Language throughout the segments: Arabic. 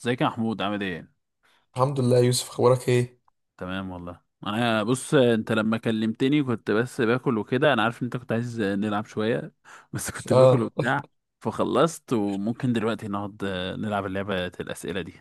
ازيك يا محمود، عامل ايه؟ الحمد لله يا يوسف اخبارك ايه؟ تمام والله. انا بص، انت لما كلمتني كنت بس باكل وكده، انا عارف ان انت كنت عايز نلعب شويه بس كنت باكل اه، وبتاع، فخلصت وممكن دلوقتي نقعد نلعب اللعبه الاسئله دي،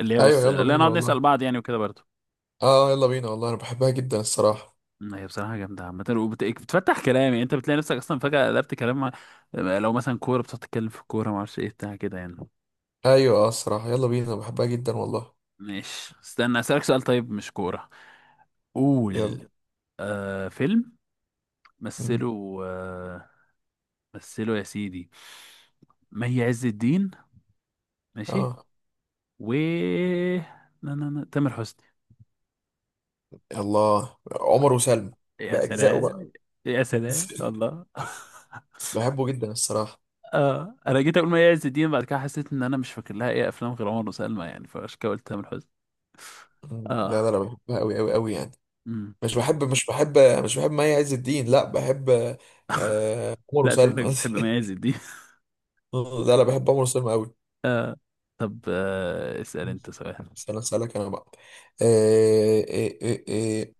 اللي هي ايوه بص، يلا لا بينا نقعد نسال والله. بعض يعني وكده برضه. اه يلا بينا والله، انا بحبها جدا الصراحه. هي بصراحه جامده عامه وبتفتح كلام، يعني انت بتلاقي نفسك اصلا فجاه قلبت كلام. لو مثلا كوره، بتقعد تتكلم في الكوره، ما اعرفش ايه بتاع كده يعني. ايوه اه الصراحه يلا بينا، أنا بحبها جدا والله. ماشي، استنى اسالك سؤال، طيب مش كوره. يلا. قول. فيلم. مم. مثله. مثله يا سيدي. مي عز الدين. ماشي. اه و لا، لا، لا، تامر حسني. الله، عمر وسلمى يا باجزائه بقى. سلام. يا سلام الله. بحبه جدا الصراحه. اه انا جيت اقول مي عز الدين، بعد كده حسيت ان انا مش فاكر لها ايه افلام غير عمر وسلمى يعني، فعشان كده قلت تامر حسني. مم. لا اه. لا لا، بحبها قوي قوي قوي يعني. امم مش بحب، مش بحب مي عز الدين، لا بحب آه عمر لا، شكلك وسلمى. بتحب مي عز الدين. لا لا، بحب عمر وسلمى قوي. آه. طب، اسال انت سؤال. استنى اسالك انا بقى. آه آه آه آه.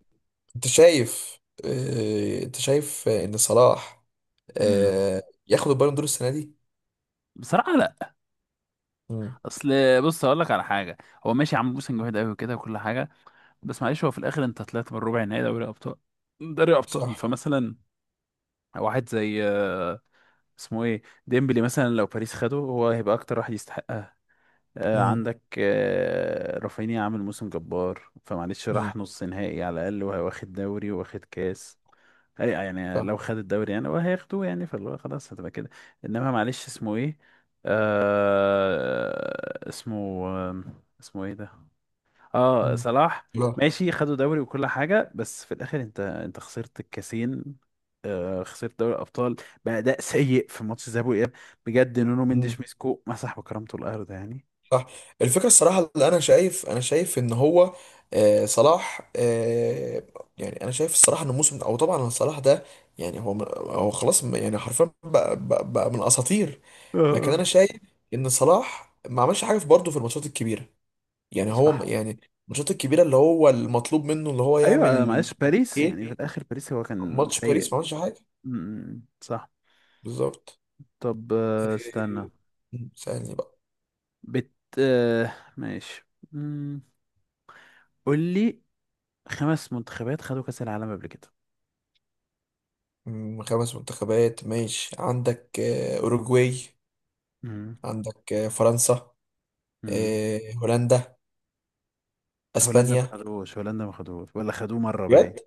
انت شايف، ان صلاح امم اه ياخد البالون دور السنه دي؟ بصراحه، لا. امم اصل بص، اقول لك على حاجه. هو ماشي، عمرو بوسن جامد قوي وكده وكل حاجه. بس معلش، هو في الاخر انت طلعت من ربع نهائي دوري ابطال. دوري ابطال، صح. فمثلا واحد زي اسمه ايه، ديمبلي مثلا، لو باريس خده هو هيبقى اكتر واحد يستحقها. امم عندك رافينيا عامل موسم جبار، فمعلش امم راح نص نهائي على الاقل، وهو واخد دوري واخد كاس. أي يعني، صح. لو خد الدوري يعني هو هياخدوه، يعني فاللي هو خلاص هتبقى كده. انما معلش، اسمه ايه؟ اسمه. اسمه ايه ده؟ اه، امم صلاح. لا. ماشي، خدوا دوري وكل حاجة، بس في الآخر انت خسرت الكاسين. خسرت دوري الأبطال بأداء سيء في ماتش الذهاب والإياب. بجد نونو امم مندش مسكه مسح بكرامته الأرض يعني. صح. الفكره الصراحه، اللي انا شايف، انا شايف ان هو اه صلاح يعني، انا شايف الصراحه ان الموسم، او طبعا إن صلاح ده، يعني هو، هو خلاص يعني حرفيا بقى من اساطير. اه. لكن انا لكن. شايف ان صلاح ما عملش حاجه برضه في الماتشات الكبيره. يعني هو صح. يعني الماتشات الكبيره اللي هو المطلوب منه، اللي هو أيوة، يعمل معلش باريس ايه. يعني، في الآخر باريس هو كان ماتش سيء. باريس ما عملش حاجه. صح. بالظبط. طب، استنى. إيه، سألني بقى. بت ماشي. امم قول لي. خمس منتخبات خدوا كأس العالم قبل كده؟ خمس منتخبات. ماشي، عندك اوروجواي، عندك فرنسا، امم هولندا، هولندا، بس اسبانيا. ما خدوش، هولندا ما خدوش، ولا خدوه مرة باين؟ بجد؟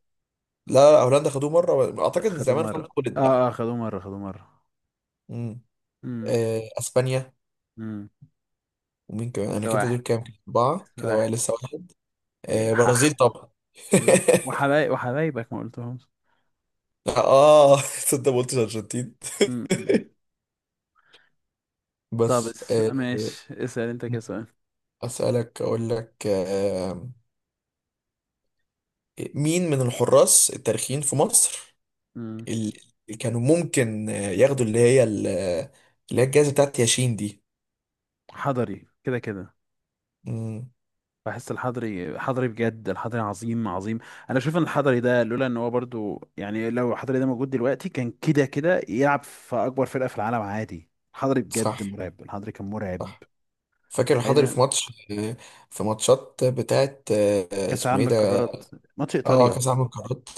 لا، هولندا خدوه مره، لا، اعتقد ان خدوه زمان خلاص مرة. خدت بقى. اه، اه، خدوه مرة، خدوه مرة. مم. امم اسبانيا. امم ومين كمان؟ انا ده كده دول واحد. كام؟ اربعه كده بقى، واحد. لسه واحد. إيه، حح. برازيل طبعا. بالظبط. وحبايبك ما قلتهمش. اه. تصدق ما قلتش ارجنتين. أمم. طب، بس ماشي، اسأل انت كده سؤال. اسالك، اقول لك مين من الحراس التاريخيين في مصر امم اللي كانوا ممكن ياخدوا اللي هي اللي هي الجائزه بتاعت ياشين دي؟ حضري، كده كده. مم، بحس الحضري، حضري بجد، الحضري عظيم، عظيم. انا شايف ان الحضري ده، لولا ان هو برضو يعني، لو الحضري ده موجود دلوقتي كان كده كده يلعب في اكبر فرقة في العالم عادي. الحضري صح، بجد مرعب، الحضري كان مرعب. صح. فاكر ايه الحضري ده؟ في ماتش، آه، في ماتشات بتاعت كاس اسمه العالم ايه ده؟ للقارات، ماتش اه، ايطاليا. كاس عالم القارات.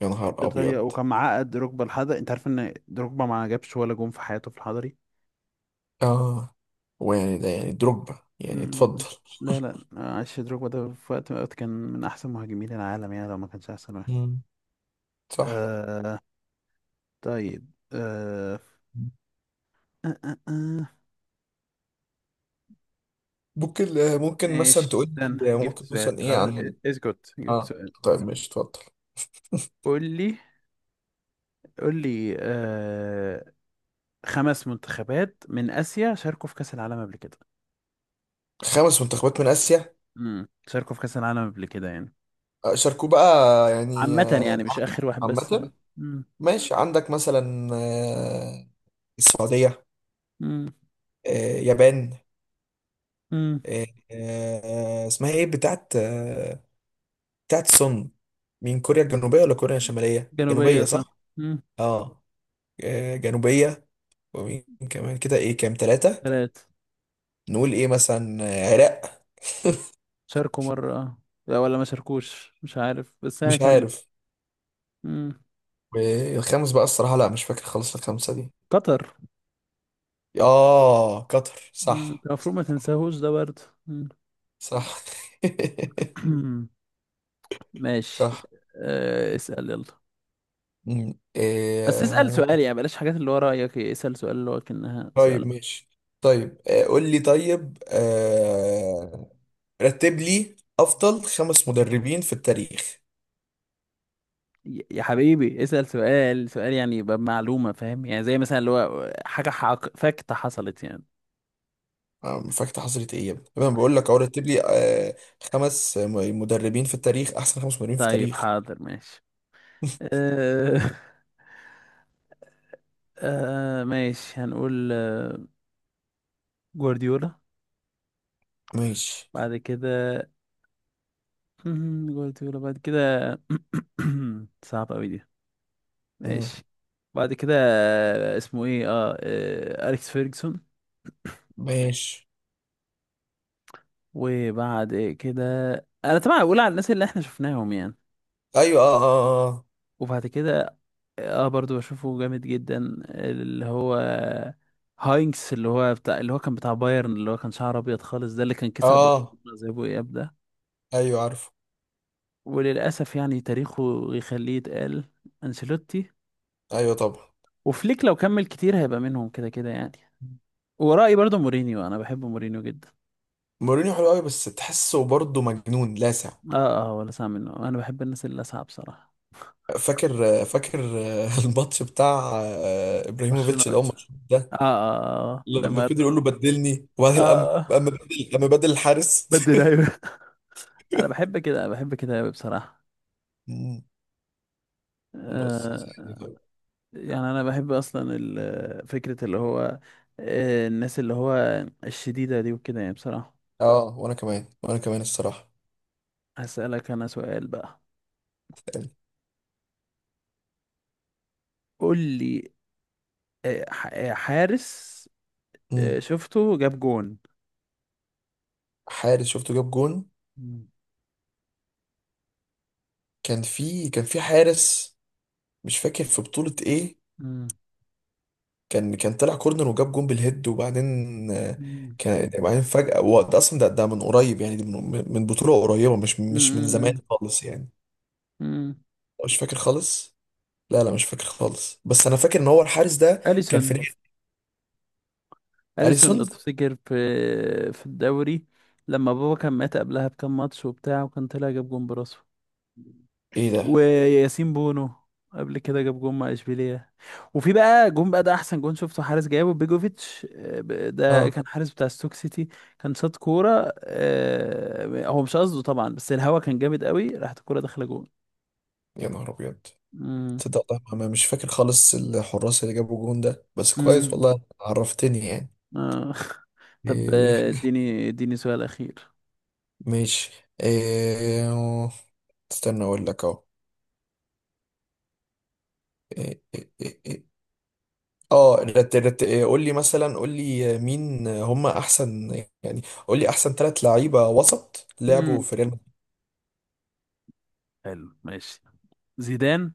يا نهار ايطاليا، ابيض. وكان معقد دروجبا الحضري، انت عارف ان دروجبا ما جابش ولا جون في حياته في الحضري. اه. ويعني ده يعني دروجبا يعني، مم. اتفضل. لا، لا، عاش دروجبا ده، في وقت من الأوقات كان من احسن مهاجمين العالم، يعني لو ما كانش احسن واحد. مم، صح. آه. طيب. آه آه آه. ممكن ممكن ماشي، مثلا تقول استنى، لي جبت ممكن سؤال مثلا ايه خلاص. عن، اسكت، جبت اه. سؤال. طيب ماشي، اتفضل. قول لي. قول لي. خمس منتخبات من آسيا شاركوا في كأس العالم قبل كده؟ خمس منتخبات من اسيا شاركوا في كأس العالم قبل كده يعني. شاركوه بقى يعني عامة يعني، مش آخر واحد بس، ها. عامة. مم. ماشي، عندك مثلا السعودية، مم. آه، يابان، مم. آه، اسمها ايه بتاعت بتاعت سون؟ مين؟ كوريا الجنوبية ولا كوريا الشمالية؟ جنوبية، جنوبية صح. صح. مم. اه، جنوبية. ومين كمان كده؟ ايه كام، ثلاثة. تلاتة. نقول ايه؟ مثلا عراق. شاركوا مرة. لا، ولا ما شاركوش، مش عارف، بس هي مش كان. عارف. مم. الخامس بقى الصراحة، لا مش فاكر خالص الخمسة دي. قطر. اه، قطر، مم. انت صح المفروض صح. ما تنساهوش ده برضه. مم. صح. ماشي. صح. اسأل يلا. مم. بس اسأل إيه. سؤال يعني، بلاش حاجات اللي هو رأيك، اسأل سؤال اللي هو كأنها سؤال. طيب ماشي. طيب قول لي. طيب رتب لي افضل خمس مدربين في التاريخ. يا حبيبي، اسأل سؤال، سؤال يعني يبقى بمعلومة، فاهم؟ يعني زي مثلا اللي هو حاجة حق فاكتة حصلت يعني. فاكت حصلت ايه يا ابني؟ طب انا بقول لك اهو، رتب لي خمس مدربين في التاريخ، احسن خمس مدربين في طيب، التاريخ. حاضر، ماشي. آه ماشي، هنقول جوارديولا. ماشي. بعد كده. جوارديولا، بعد كده. صعب أوي دي. مم. ماشي. بعد كده اسمه ايه أليكس فيرجسون. ماشي. وبعد كده. انا طبعا اقول على الناس اللي احنا شفناهم يعني. ايوه اه اه. وبعد كده، اه برضو بشوفه جامد جدا. اللي هو هاينكس، اللي هو بتاع، اللي هو كان بتاع بايرن، اللي هو كان شعره ابيض خالص ده، اللي كان كسب اه آه، برشلونة، زي ابو اياب ده. ايوه عارفه. وللأسف يعني تاريخه يخليه يتقال. أنسيلوتي. ايوه طبعا. وفليك، لو كمل كتير هيبقى منهم كده كده يعني. ورأيي برضه مورينيو، أنا بحب مورينيو جدا. مورينيو حلو قوي، بس تحسه برضه مجنون لاسع. اه، اه، ولا سامع منه، أنا بحب الناس اللي لاسعة بصراحة. فاكر، فاكر. الماتش بتاع برشلونة، ابراهيموفيتش ده، الماتش اه. ده اه، اه، لما لما فضل يقول له بدلني، وبعدين قام اه، اه، قام بدل قام بدل الحارس. بدل، ايوه. انا بحب كده، انا بحب كده قوي بصراحه. مم. بس يعني، آه طيب. يعني انا بحب اصلا فكره اللي هو، الناس اللي هو الشديده دي وكده يعني بصراحه. اه وانا كمان، وانا كمان الصراحه هسألك انا سؤال بقى. يعني. قول لي. حارس، مم. شفته جاب جون. حارس شفته جاب جون؟ مم. كان في، كان في حارس، مش فاكر في بطوله ايه، مم. كان، كان طلع كورنر وجاب جون بالهيد، وبعدين آه، مم. كان بعدين فجأة، وقت اصلا ده، ده من قريب يعني، دي من بطولة قريبة، مش، مش من مم. زمان خالص يعني. مم. مش فاكر خالص. لا لا مش فاكر خالص، بس انا فاكر ان هو الحارس ده كان أليسون في كان في. نادي أليسون، لو اليسون. أليسون تفتكر في الدوري، لما بابا كان مات قبلها بكام ماتش وبتاع وكان طلع جاب جون براسه. ايه ده؟ وياسين بونو قبل كده جاب جون مع اشبيليه. وفي بقى جون بقى، ده احسن جون شفته حارس جابه بيجوفيتش، ده اه. كان حارس بتاع ستوك سيتي. كان شاط كوره، هو مش قصده طبعا، بس الهوا كان جامد قوي، راحت الكوره داخله جون. يا نهار ابيض. مم. تصدق والله ما مش فاكر خالص الحراس اللي جابوا الجون ده، بس كويس مم. والله، عرفتني يعني. آه. طب، إيه. اديني سؤال اخير. ماشي. إيه، استنى اقول لك اهو. إيه إيه إيه إيه. اه رت رت إيه، قول لي مثلا، قول لي مين هم احسن يعني، قول لي احسن ثلاث لعيبه وسط لعبوا مم. في ريال مدريد. حلو، ماشي. زيدان.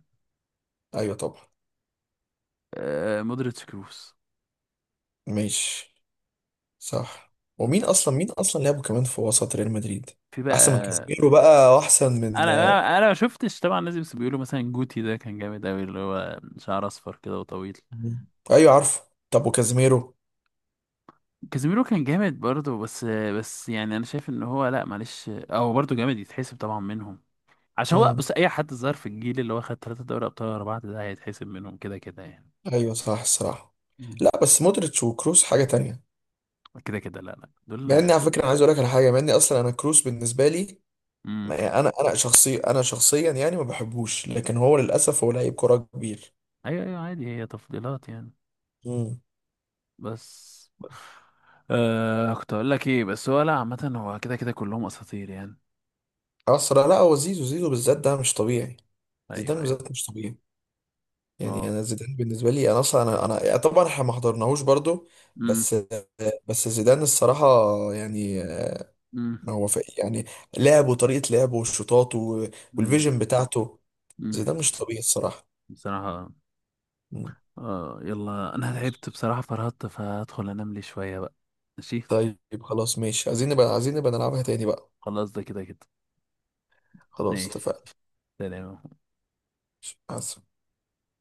ايوه طبعا. مودريتش، كروس. ماشي، صح. ومين مم. اصلا، مين اصلا لعبوا كمان في وسط ريال مدريد في احسن من بقى كازيميرو بقى، واحسن من. انا ما شفتش طبعا الناس، بس بيقولوا مثلا جوتي ده كان جامد قوي، اللي هو شعر اصفر كده وطويل. مم. ايوه عارفه. طب وكازيميرو؟ كازيميرو كان جامد برضه، بس يعني انا شايف ان هو، لا معلش، هو برضه جامد يتحسب طبعا منهم. عشان هو امم. بص، اي حد ظهر في الجيل اللي هو خد ثلاثة دوري ابطال ورا بعض، ده هيتحسب منهم كده كده يعني. ايوه صح الصراحه. مم. لا بس مودريتش وكروس حاجه تانية. كده كده، لا، لا، دول. مع اني على فكره، انا عايز اقول لك على حاجه، مع اني اصلا انا كروس بالنسبه لي امم يعني، انا شخصي، انا شخصيا يعني ما بحبوش، لكن هو للاسف هو لعيب كرة كبير. ايوه، ايوه، عادي، هي تفضيلات يعني. امم. بس كنت اقول لك ايه، بس هو لا، عامة هو كده كده كلهم اساطير يعني. اسرع. لا هو زيزو، زيزو بالذات ده مش طبيعي. ايوه، زيدان ايوه. بالذات مش طبيعي. يعني اه. انا زيدان بالنسبه لي، انا اصلا انا انا يعني، طبعا احنا ما حضرناهوش برضو، امم بس، بس زيدان الصراحه يعني، امم ما هو في يعني لعبه وطريقه لعبه والشوطات و، امم والفيجن بتاعته. امم زيدان مش طبيعي الصراحه. بصراحة. مم. اه يلا، انا تعبت بصراحة، فرهدت، فهدخل انام لي شوية بقى. ماشي. طيب خلاص ماشي، عايزين نبقى، عايزين نبقى نلعبها تاني بقى. خلاص، ده كده كده. خلاص ماشي. اتفقنا. سلام. مع السلامة.